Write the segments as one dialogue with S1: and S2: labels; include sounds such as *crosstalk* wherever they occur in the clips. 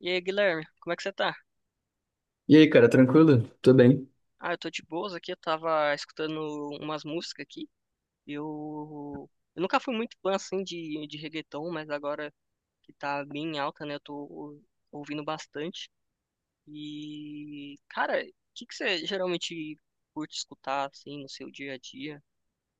S1: E aí, Guilherme, como é que você tá?
S2: E aí, cara, tranquilo? Tô bem.
S1: Ah, eu tô de boas aqui, eu tava escutando umas músicas aqui. Eu, eu nunca fui muito fã, assim, de reggaeton, mas agora que tá bem em alta, né, eu tô ouvindo bastante. E, cara, o que que você geralmente curte escutar, assim, no seu dia a dia?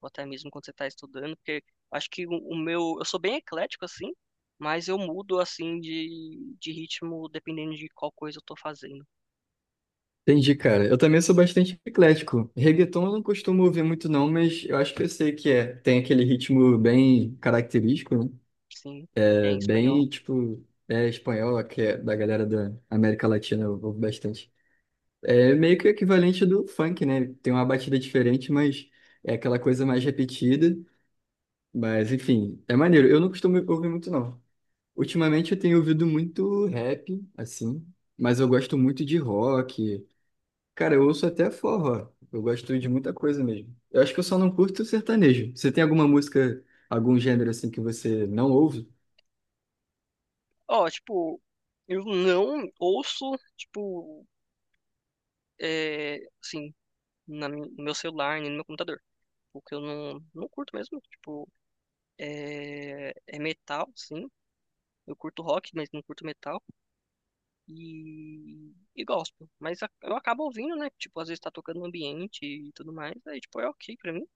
S1: Ou até mesmo quando você tá estudando? Porque acho que o meu. Eu sou bem eclético, assim, mas eu mudo, assim, de ritmo dependendo de qual coisa eu tô fazendo.
S2: Entendi, cara. Eu também sou bastante eclético. Reggaeton eu não costumo ouvir muito, não, mas eu acho que eu sei que é. Tem aquele ritmo bem característico, né?
S1: Sim, é
S2: É
S1: em espanhol.
S2: bem, tipo, é espanhol, que é da galera da América Latina, eu ouvo bastante. É meio que o equivalente do funk, né? Tem uma batida diferente, mas é aquela coisa mais repetida. Mas, enfim, é maneiro. Eu não costumo ouvir muito, não. Ultimamente eu tenho ouvido muito rap, assim, mas eu gosto muito de rock. Cara, eu ouço até forró. Eu gosto de muita coisa mesmo. Eu acho que eu só não curto sertanejo. Você tem alguma música, algum gênero assim que você não ouve?
S1: Ó, tipo, eu não ouço, tipo, é, assim, no meu celular, nem no meu computador. Porque eu não, não curto mesmo. Tipo, é metal, sim. Eu curto rock, mas não curto metal. E gospel. Mas eu acabo ouvindo, né? Tipo, às vezes tá tocando no ambiente e tudo mais. Aí, tipo, é ok pra mim.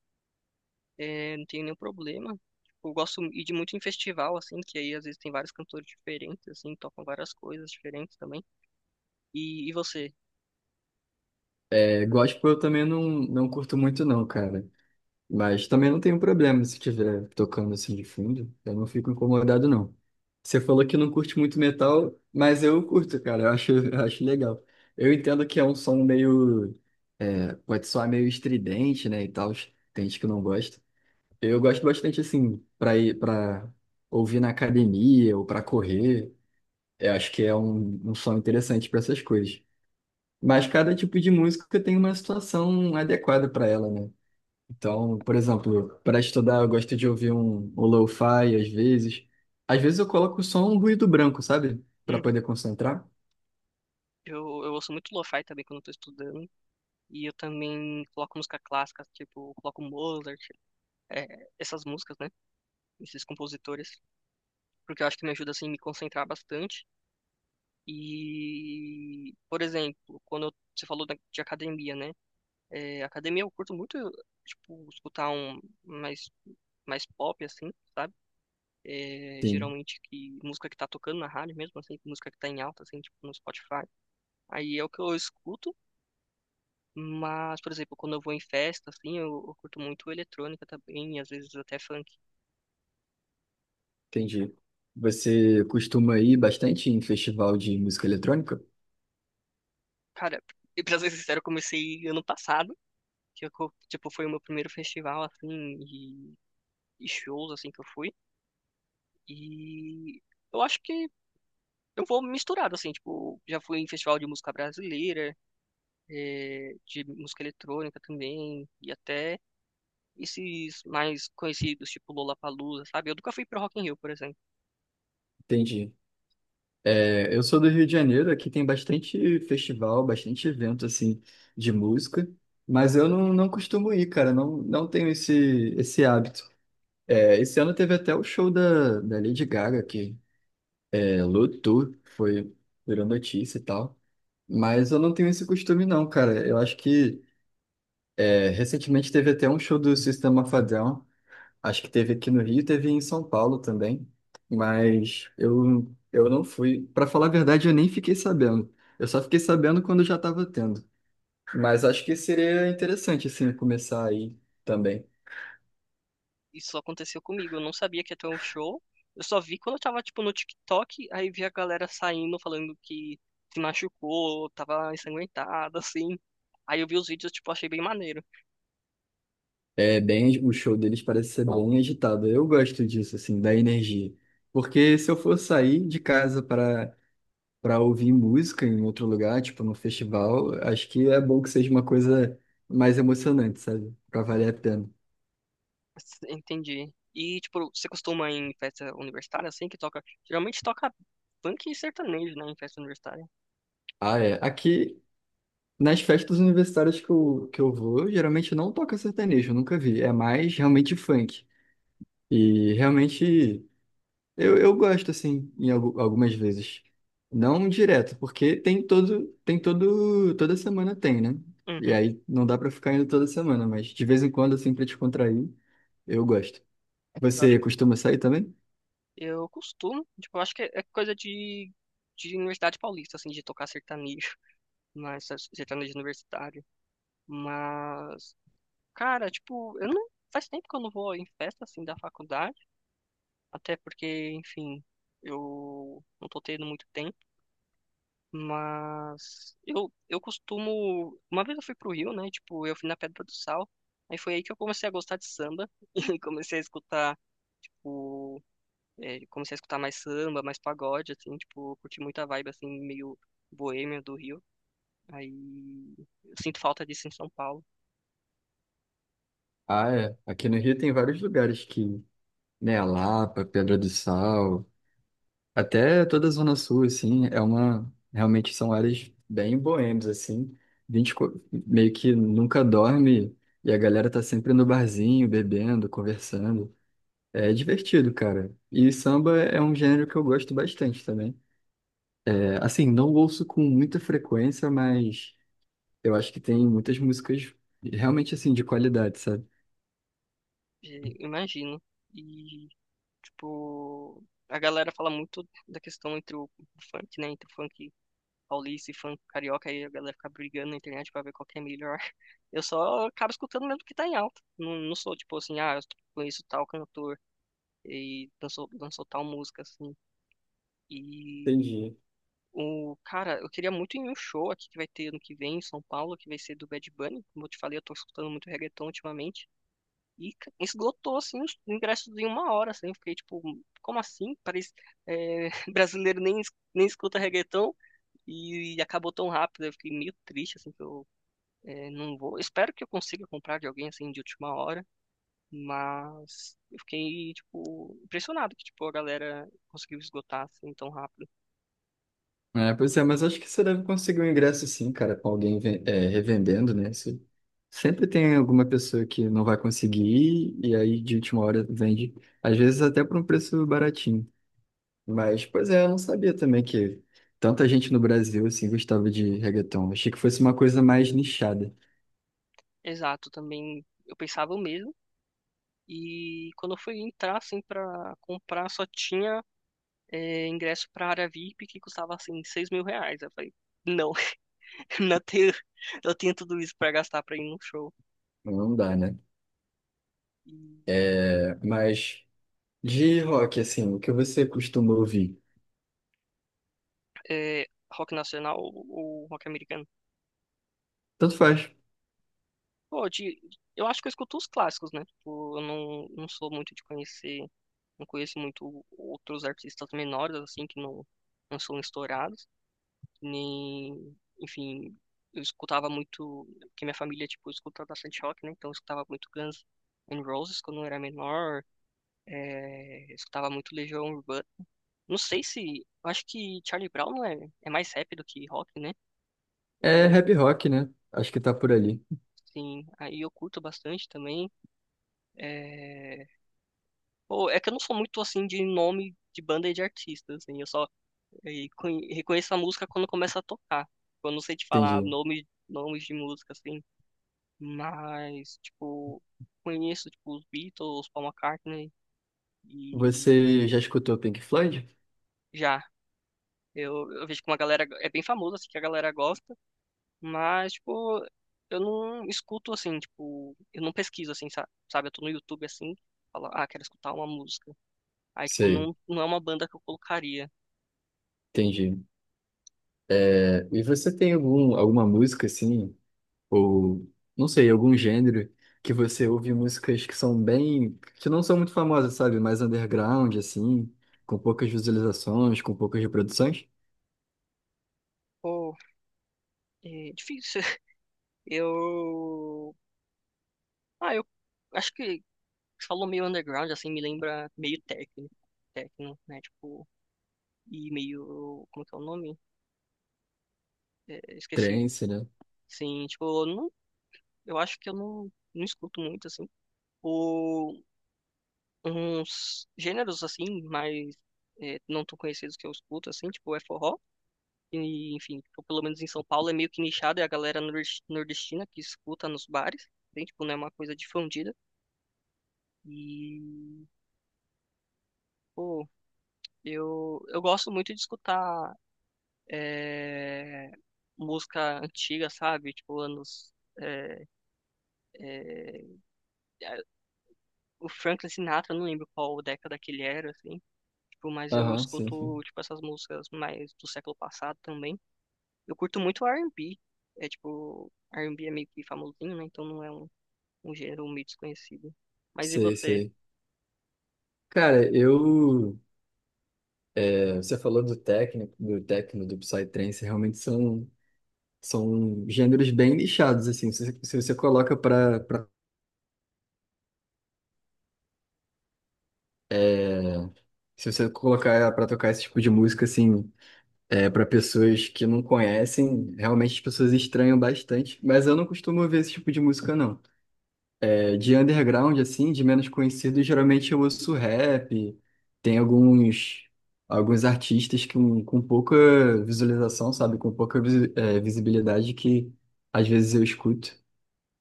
S1: É, não tem nenhum problema. Tipo, eu gosto de ir muito em festival, assim, que aí às vezes tem vários cantores diferentes, assim, tocam várias coisas diferentes também. E você?
S2: É, gospel eu também não curto muito não, cara. Mas também não tenho problema se estiver tocando assim de fundo. Eu não fico incomodado não. Você falou que não curte muito metal, mas eu curto, cara. Eu acho, *laughs* eu acho legal. Eu entendo que é um som meio... pode soar meio estridente, né, e tal. Tem gente que não gosta. Eu gosto bastante assim para ir para ouvir na academia ou para correr. Eu acho que é um som interessante para essas coisas. Mas cada tipo de música tem uma situação adequada para ela, né? Então, por exemplo, para estudar eu gosto de ouvir um lo-fi às vezes. Às vezes eu coloco só um ruído branco, sabe? Para
S1: Uhum.
S2: poder concentrar.
S1: Eu, eu ouço muito lo-fi também quando eu tô estudando. E eu também coloco música clássica, tipo, coloco Mozart, essas músicas, né? Esses compositores. Porque eu acho que me ajuda, assim, me concentrar bastante. E, por exemplo, quando você falou de academia, né? É, academia eu curto muito, tipo, escutar um mais, pop, assim, sabe? É,
S2: Sim,
S1: geralmente que música que tá tocando na rádio mesmo, assim, música que tá em alta, assim, tipo, no Spotify. Aí é o que eu escuto. Mas, por exemplo, quando eu vou em festa, assim, eu curto muito eletrônica também, e às vezes até funk.
S2: entendi. Você costuma ir bastante em festival de música eletrônica?
S1: Cara, *laughs* e pra ser sincero, eu comecei ano passado, que tipo, foi o meu primeiro festival, assim, e, e shows, assim, que eu fui. E eu acho que eu vou misturado, assim, tipo, já fui em festival de música brasileira, de música eletrônica também, e até esses mais conhecidos, tipo Lollapalooza, sabe? Eu nunca fui pra Rock in Rio, por exemplo.
S2: Entendi. É, eu sou do Rio de Janeiro, aqui tem bastante festival, bastante evento assim de música, mas eu não costumo ir, cara, não, não tenho esse hábito. É, esse ano teve até o show da Lady Gaga aqui, é, lotou, foi virou notícia e tal, mas eu não tenho esse costume não, cara. Eu acho que é, recentemente teve até um show do System of a Down, acho que teve aqui no Rio, teve em São Paulo também, mas eu não fui. Para falar a verdade, eu nem fiquei sabendo. Eu só fiquei sabendo quando já estava tendo. Mas acho que seria interessante, assim, começar aí também.
S1: Isso aconteceu comigo. Eu não sabia que ia ter um show. Eu só vi quando eu tava, tipo, no TikTok, aí vi a galera saindo, falando que se machucou, tava ensanguentada, assim. Aí eu vi os vídeos, tipo, achei bem maneiro.
S2: É bem, o show deles parece ser bem agitado. Eu gosto disso, assim, da energia. Porque se eu for sair de casa para ouvir música em outro lugar, tipo num festival, acho que é bom que seja uma coisa mais emocionante, sabe? Para valer a pena.
S1: Entendi. E, tipo, você costuma ir em festa universitária, assim, que toca. Geralmente toca funk e sertanejo, né, em festa universitária.
S2: Ah, é. Aqui, nas festas universitárias que eu vou, geralmente não toca sertanejo, eu nunca vi. É mais realmente funk. E realmente eu gosto, assim, em algumas vezes. Não direto, porque tem todo, toda semana tem, né? E
S1: Uhum.
S2: aí não dá pra ficar indo toda semana, mas de vez em quando, assim, pra descontrair, eu gosto.
S1: Eu acho,
S2: Você costuma sair também?
S1: eu costumo, tipo, eu acho que é coisa de Universidade Paulista, assim, de tocar sertanejo, *laughs* mas sertanejo universitário. Mas, cara, tipo, eu não. Faz tempo que eu não vou em festa assim da faculdade, até porque, enfim, eu não tô tendo muito tempo, mas eu costumo. Uma vez eu fui pro Rio, né? Tipo, eu fui na Pedra do Sal, aí foi aí que eu comecei a gostar de samba *laughs* e comecei a escutar, tipo, comecei a escutar mais samba, mais pagode, assim, tipo, eu curti muita vibe, assim, meio boêmia do Rio. Aí eu sinto falta disso em São Paulo.
S2: Ah, é. Aqui no Rio tem vários lugares que, né, a Lapa, Pedra do Sal. Até toda a Zona Sul, assim, é uma. Realmente são áreas bem boêmias, assim. A gente meio que nunca dorme e a galera tá sempre no barzinho, bebendo, conversando. É divertido, cara. E samba é um gênero que eu gosto bastante também. É, assim, não ouço com muita frequência, mas eu acho que tem muitas músicas realmente, assim, de qualidade, sabe?
S1: Imagino. E, tipo, a galera fala muito da questão entre o funk, né? Entre o funk paulista e funk carioca, aí a galera fica brigando na internet pra ver qual que é melhor. *laughs* Eu só acabo escutando mesmo o que tá em alta. Não, não sou tipo assim, ah, eu conheço tal cantor e dançou, dançou tal música, assim. E,
S2: Entendi.
S1: o cara, eu queria muito ir em um show aqui que vai ter ano que vem em São Paulo, que vai ser do Bad Bunny. Como eu te falei, eu tô escutando muito reggaeton ultimamente. E esgotou, assim, os ingressos em uma hora, assim. Eu fiquei tipo, como assim? Parece, *laughs* brasileiro nem escuta reggaeton. E acabou tão rápido, eu fiquei meio triste, assim, que eu não vou. Espero que eu consiga comprar de alguém, assim, de última hora, mas eu fiquei, tipo, impressionado que, tipo, a galera conseguiu esgotar, assim, tão rápido.
S2: É, pois é, mas acho que você deve conseguir um ingresso sim, cara, com alguém é, revendendo, né? Se- Sempre tem alguma pessoa que não vai conseguir e aí de última hora vende, às vezes até por um preço baratinho. Mas, pois é, eu não sabia também que tanta gente no Brasil assim gostava de reggaeton. Achei que fosse uma coisa mais nichada.
S1: Exato, também eu pensava o mesmo, e quando eu fui entrar, assim, pra comprar, só tinha ingresso para a área VIP que custava assim R$ 6.000. Eu falei, não, *laughs* não tenho, eu tenho tudo isso para gastar para ir num show.
S2: Mas não dá, né?
S1: E,
S2: É, mas de rock, assim, o que você costuma ouvir?
S1: é, rock nacional ou rock americano?
S2: Tanto faz.
S1: Pô, eu acho que eu escuto os clássicos, né? Tipo, eu não, não sou muito de conhecer, não conheço muito outros artistas menores, assim, que não, não são estourados, nem, enfim. Eu escutava muito, porque minha família, tipo, escuta bastante rock, né? Então eu escutava muito Guns N' Roses quando eu era menor. É, eu escutava muito Legião Urbana. Não sei se. Eu acho que Charlie Brown não é, é mais rap do que rock, né?
S2: É
S1: É,
S2: rap rock, né? Acho que tá por ali.
S1: sim, aí eu curto bastante também. É, pô, é que eu não sou muito assim de nome de banda e de artista, assim. Eu só reconheço a música quando começa a tocar. Eu não sei te falar
S2: Entendi.
S1: nomes de música, assim. Mas, tipo, conheço tipo, os Beatles, Paul McCartney e
S2: Você já escutou Pink Floyd?
S1: já. Eu vejo que uma galera é bem famosa, assim, que a galera gosta. Mas, tipo, eu não escuto assim, tipo, eu não pesquiso assim, sabe? Eu tô no YouTube assim, falo, ah, quero escutar uma música. Aí, tipo,
S2: Sei,
S1: não, não é uma banda que eu colocaria.
S2: entendi. É, e você tem algum, alguma música assim, ou não sei, algum gênero que você ouve músicas que são bem, que não são muito famosas, sabe? Mais underground, assim, com poucas visualizações, com poucas reproduções?
S1: Pô, é difícil. *laughs* Eu. Ah, eu acho que você falou meio underground, assim, me lembra meio técnico, né? Tipo, e meio. Como que é o nome? É, esqueci.
S2: Trance, né?
S1: Sim, tipo, eu não, eu acho que eu não, não escuto muito, assim. Uns gêneros assim, mas não tão conhecidos que eu escuto, assim, tipo é forró. E, enfim, tipo, pelo menos em São Paulo é meio que nichado, é a galera nordestina que escuta nos bares, tem, tipo, não é uma coisa difundida. E, pô, eu gosto muito de escutar é, música antiga, sabe? Tipo, anos. é, é, é, o Franklin Sinatra, eu não lembro qual década que ele era, assim. Tipo, mas eu
S2: Aham, sim,
S1: escuto,
S2: sim.
S1: tipo, essas músicas mais do século passado também. Eu curto muito R&B. É tipo, R&B é meio que famosinho, né? Então não é um gênero meio desconhecido. Mas e
S2: Sei,
S1: você?
S2: sei. Cara, eu. Você falou do técnico, do techno, do psytrance, realmente são, são gêneros bem nichados, assim. Se você coloca pra é, se você colocar ela pra tocar esse tipo de música, assim, é, para pessoas que não conhecem, realmente as pessoas estranham bastante. Mas eu não costumo ouvir esse tipo de música, não. É, de underground, assim, de menos conhecido, geralmente eu ouço rap. Tem alguns artistas que, com pouca visualização, sabe? Com pouca é, visibilidade que às vezes eu escuto.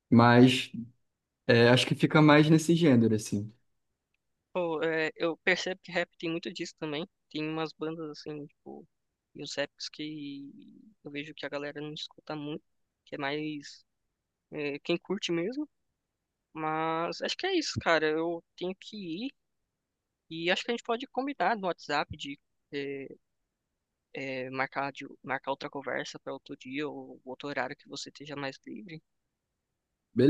S2: Mas é, acho que fica mais nesse gênero, assim.
S1: Pô, eu percebo que rap tem muito disso também. Tem umas bandas assim, tipo, e os raps que eu vejo que a galera não escuta muito, que é mais quem curte mesmo. Mas acho que é isso, cara. Eu tenho que ir e acho que a gente pode combinar no WhatsApp de é, marcar outra conversa para outro dia ou outro horário que você esteja mais livre. O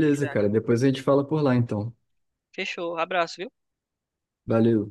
S1: que que você.
S2: cara. Depois a gente fala por lá, então.
S1: Fechou. Abraço, viu?
S2: Valeu.